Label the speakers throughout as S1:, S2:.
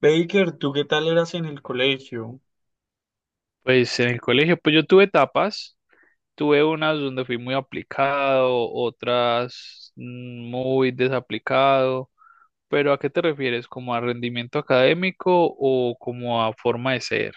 S1: Baker, ¿tú qué tal eras en el colegio?
S2: Pues en el colegio, pues yo tuve etapas, tuve unas donde fui muy aplicado, otras muy desaplicado, pero ¿a qué te refieres? ¿Como a rendimiento académico o como a forma de ser?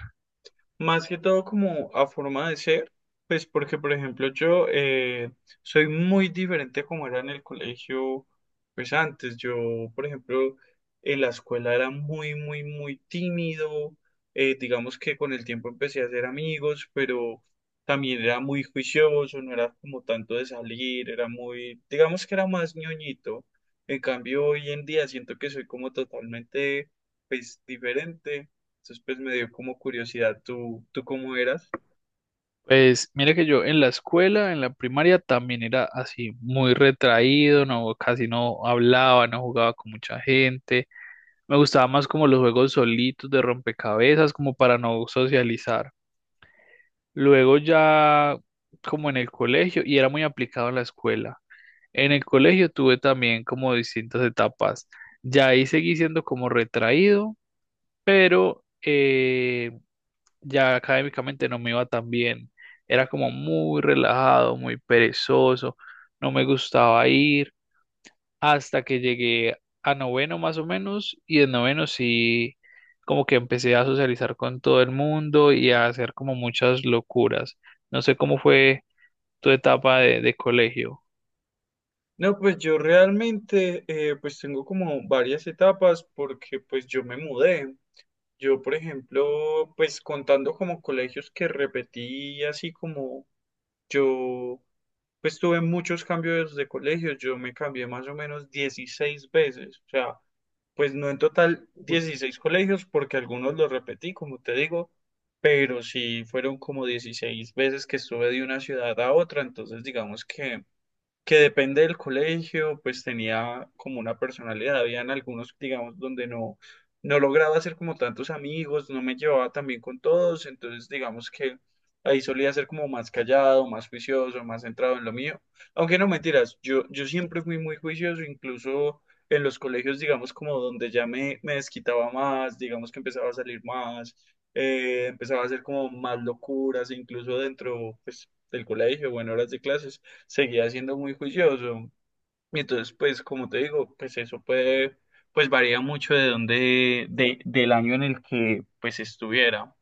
S1: Más que todo como a forma de ser, pues porque por ejemplo yo soy muy diferente a como era en el colegio. Pues antes yo, por ejemplo, en la escuela era muy muy muy tímido. Digamos que con el tiempo empecé a hacer amigos, pero también era muy juicioso, no era como tanto de salir, era muy, digamos que era más ñoñito. En cambio, hoy en día siento que soy como totalmente, pues, diferente. Entonces, pues me dio como curiosidad tú cómo eras.
S2: Pues mira que yo en la escuela, en la primaria también era así, muy retraído, no, casi no hablaba, no jugaba con mucha gente, me gustaba más como los juegos solitos de rompecabezas, como para no socializar. Luego ya como en el colegio, y era muy aplicado en la escuela. En el colegio tuve también como distintas etapas. Ya ahí seguí siendo como retraído, pero ya académicamente no me iba tan bien. Era como muy relajado, muy perezoso, no me gustaba ir hasta que llegué a noveno más o menos y en noveno sí como que empecé a socializar con todo el mundo y a hacer como muchas locuras. No sé cómo fue tu etapa de colegio.
S1: No, pues yo realmente, pues tengo como varias etapas, porque pues yo me mudé. Yo, por ejemplo, pues contando como colegios que repetí, así como yo, pues tuve muchos cambios de colegios. Yo me cambié más o menos 16 veces. O sea, pues no en total 16 colegios, porque algunos los repetí, como te digo, pero sí fueron como 16 veces que estuve de una ciudad a otra. Entonces digamos que depende del colegio, pues tenía como una personalidad. Habían algunos, digamos, donde no, no lograba hacer como tantos amigos, no me llevaba tan bien con todos. Entonces digamos que ahí solía ser como más callado, más juicioso, más centrado en lo mío. Aunque no mentiras, yo siempre fui muy juicioso. Incluso en los colegios, digamos, como donde ya me desquitaba más, digamos que empezaba a salir más. Empezaba a hacer como más locuras. Incluso dentro, pues, del colegio o en horas de clases seguía siendo muy juicioso. Y entonces, pues, como te digo, pues varía mucho de dónde, del año en el que pues estuviera.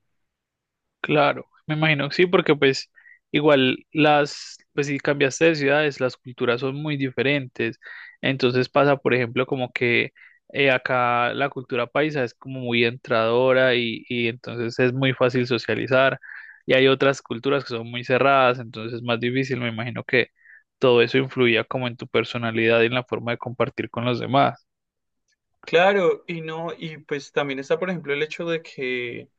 S2: Claro, me imagino que sí, porque pues igual las, pues si cambiaste de ciudades, las culturas son muy diferentes. Entonces pasa, por ejemplo, como que acá la cultura paisa es como muy entradora y entonces es muy fácil socializar. Y hay otras culturas que son muy cerradas, entonces es más difícil. Me imagino que todo eso influía como en tu personalidad y en la forma de compartir con los demás.
S1: Claro, y no, y pues también está, por ejemplo, el hecho de que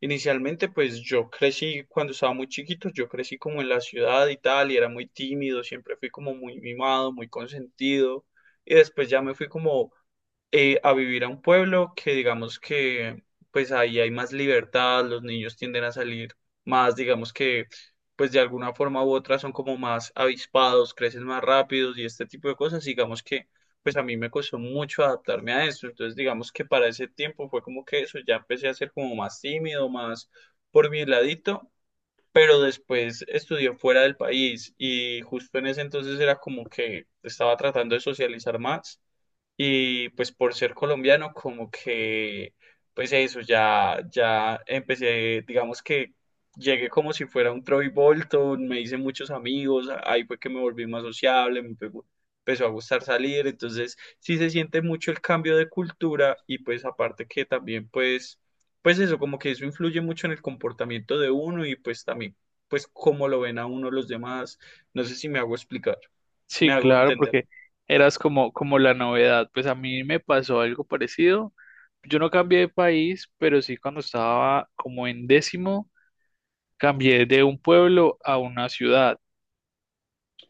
S1: inicialmente, pues yo crecí cuando estaba muy chiquito, yo crecí como en la ciudad y tal, y era muy tímido, siempre fui como muy mimado, muy consentido, y después ya me fui como, a vivir a un pueblo, que digamos que pues ahí hay más libertad, los niños tienden a salir más, digamos que pues de alguna forma u otra son como más avispados, crecen más rápidos y este tipo de cosas. Digamos que pues a mí me costó mucho adaptarme a eso. Entonces, digamos que para ese tiempo fue como que eso, ya empecé a ser como más tímido, más por mi ladito. Pero después estudié fuera del país y justo en ese entonces era como que estaba tratando de socializar más, y pues por ser colombiano, como que, pues eso, ya, ya empecé, digamos que llegué como si fuera un Troy Bolton, me hice muchos amigos, ahí fue que me volví más sociable, empezó a gustar salir. Entonces sí se siente mucho el cambio de cultura, y pues aparte que también pues, pues eso, como que eso influye mucho en el comportamiento de uno, y pues también, pues cómo lo ven a uno los demás, no sé si me hago explicar, me
S2: Sí,
S1: hago
S2: claro,
S1: entender.
S2: porque eras como, como la novedad. Pues a mí me pasó algo parecido. Yo no cambié de país, pero sí cuando estaba como en décimo, cambié de un pueblo a una ciudad.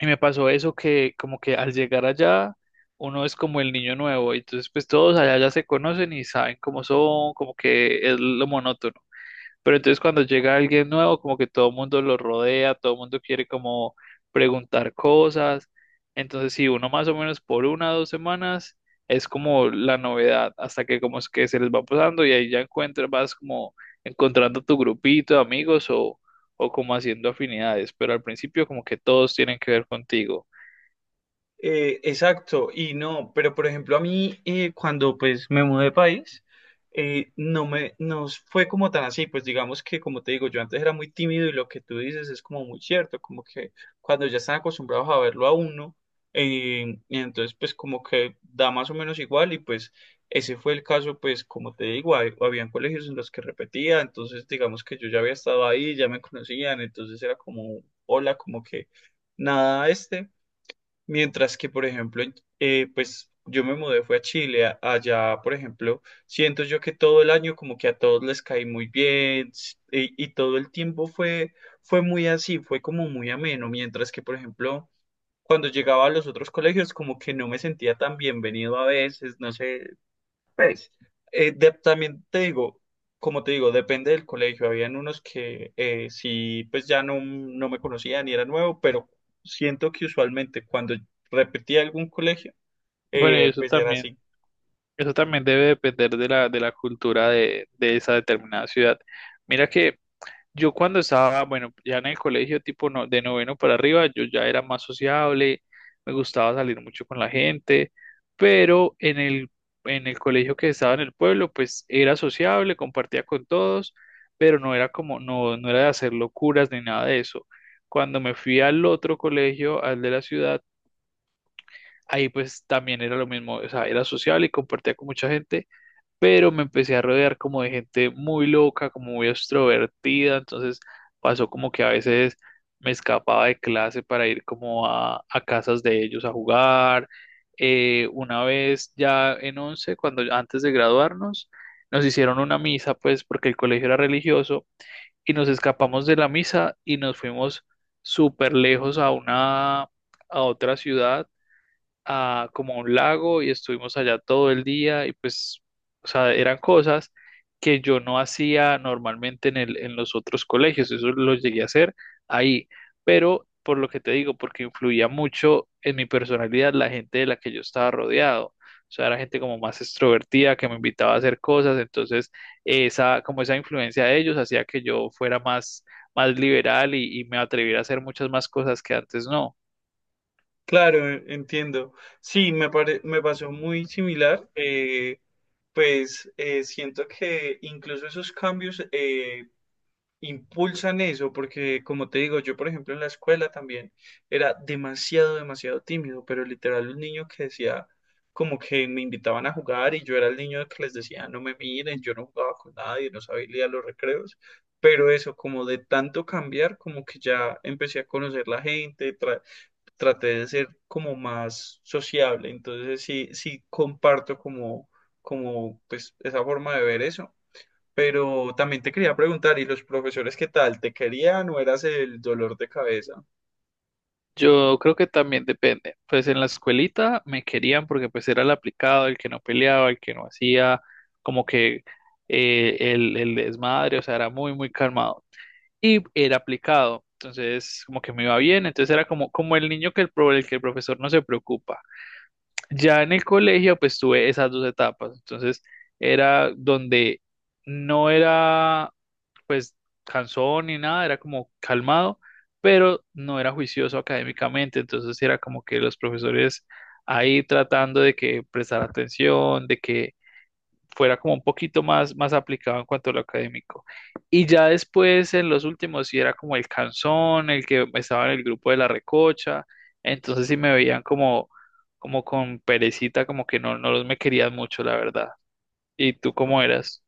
S2: Y me pasó eso que como que al llegar allá, uno es como el niño nuevo. Y entonces pues todos allá ya se conocen y saben cómo son, como que es lo monótono. Pero entonces cuando llega alguien nuevo, como que todo el mundo lo rodea, todo el mundo quiere como preguntar cosas. Entonces, si uno más o menos por una o dos semanas es como la novedad, hasta que como es que se les va pasando y ahí ya encuentras, vas como encontrando tu grupito de amigos o como haciendo afinidades. Pero al principio como que todos tienen que ver contigo.
S1: Exacto, y no, pero por ejemplo a mí, cuando pues me mudé de país, no me, nos fue como tan así. Pues digamos que, como te digo, yo antes era muy tímido y lo que tú dices es como muy cierto, como que cuando ya están acostumbrados a verlo a uno, y entonces pues como que da más o menos igual. Y pues ese fue el caso. Pues como te digo, habían colegios en los que repetía, entonces digamos que yo ya había estado ahí, ya me conocían, entonces era como, hola, como que nada, este. Mientras que, por ejemplo, pues yo me mudé, fue a Chile, allá, por ejemplo, siento yo que todo el año como que a todos les caí muy bien, y todo el tiempo fue muy así, fue como muy ameno. Mientras que, por ejemplo, cuando llegaba a los otros colegios como que no me sentía tan bienvenido a veces, no sé, pues, también te digo, como te digo, depende del colegio. Habían unos que, sí, pues ya no, no me conocían y era nuevo, pero siento que usualmente cuando repetía algún colegio,
S2: Bueno, y
S1: pues era así.
S2: eso también debe depender de la cultura de esa determinada ciudad. Mira que yo cuando estaba, bueno, ya en el colegio tipo no- de noveno para arriba, yo ya era más sociable, me gustaba salir mucho con la gente, pero en en el colegio que estaba en el pueblo, pues era sociable, compartía con todos, pero no era como, no, no era de hacer locuras ni nada de eso. Cuando me fui al otro colegio, al de la ciudad, ahí pues también era lo mismo, o sea, era sociable y compartía con mucha gente, pero me empecé a rodear como de gente muy loca, como muy extrovertida, entonces pasó como que a veces me escapaba de clase para ir como a casas de ellos a jugar. Una vez ya en once, cuando antes de graduarnos, nos hicieron una misa, pues porque el colegio era religioso, y nos escapamos de la misa y nos fuimos súper lejos a una, a otra ciudad a como a un lago y estuvimos allá todo el día y pues, o sea, eran cosas que yo no hacía normalmente en en los otros colegios, eso lo llegué a hacer ahí, pero por lo que te digo, porque influía mucho en mi personalidad la gente de la que yo estaba rodeado. O sea, era gente como más extrovertida que me invitaba a hacer cosas, entonces esa, como esa influencia de ellos hacía que yo fuera más liberal y me atreviera a hacer muchas más cosas que antes no.
S1: Claro, entiendo. Sí, me pasó muy similar. Pues siento que incluso esos cambios, impulsan eso, porque como te digo, yo por ejemplo en la escuela también era demasiado, demasiado tímido, pero literal un niño que decía, como que me invitaban a jugar y yo era el niño que les decía no me miren, yo no jugaba con nadie, no sabía ir a los recreos. Pero eso, como de tanto cambiar, como que ya empecé a conocer la gente, traté de ser como más sociable. Entonces sí, sí comparto como, pues esa forma de ver eso. Pero también te quería preguntar, ¿y los profesores qué tal? ¿Te querían o eras el dolor de cabeza?
S2: Yo creo que también depende. Pues en la escuelita me querían porque pues era el aplicado, el que no peleaba, el que no hacía como que el desmadre, o sea, era muy, muy calmado. Y era aplicado, entonces como que me iba bien, entonces era como, como el niño que el, pro- el que el profesor no se preocupa. Ya en el colegio pues tuve esas dos etapas, entonces era donde no era pues cansón ni nada, era como calmado, pero no era juicioso académicamente, entonces era como que los profesores ahí tratando de que prestara atención, de que fuera como un poquito más aplicado en cuanto a lo académico. Y ya después, en los últimos, sí era como el canzón, el que estaba en el grupo de la recocha, entonces sí me veían como, como con perecita, como que no, no los me querían mucho, la verdad. ¿Y tú cómo eras?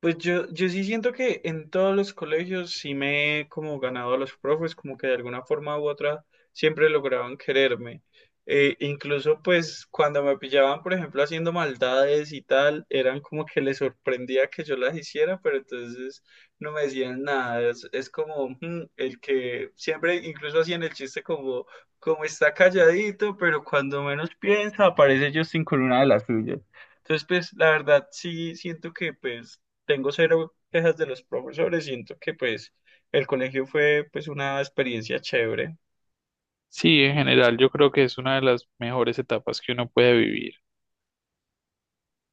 S1: Pues yo sí siento que en todos los colegios sí me he como ganado a los profes, como que de alguna forma u otra siempre lograban quererme. Incluso pues cuando me pillaban, por ejemplo, haciendo maldades y tal, eran como que les sorprendía que yo las hiciera, pero entonces no me decían nada. Es como, el que siempre incluso hacían el chiste como, está calladito, pero cuando menos piensa aparece Justin con una de las suyas. Entonces, pues, la verdad, sí siento que, pues, tengo cero quejas de los profesores, siento que pues el colegio fue, pues, una experiencia chévere.
S2: Sí, en general, yo creo que es una de las mejores etapas que uno puede vivir.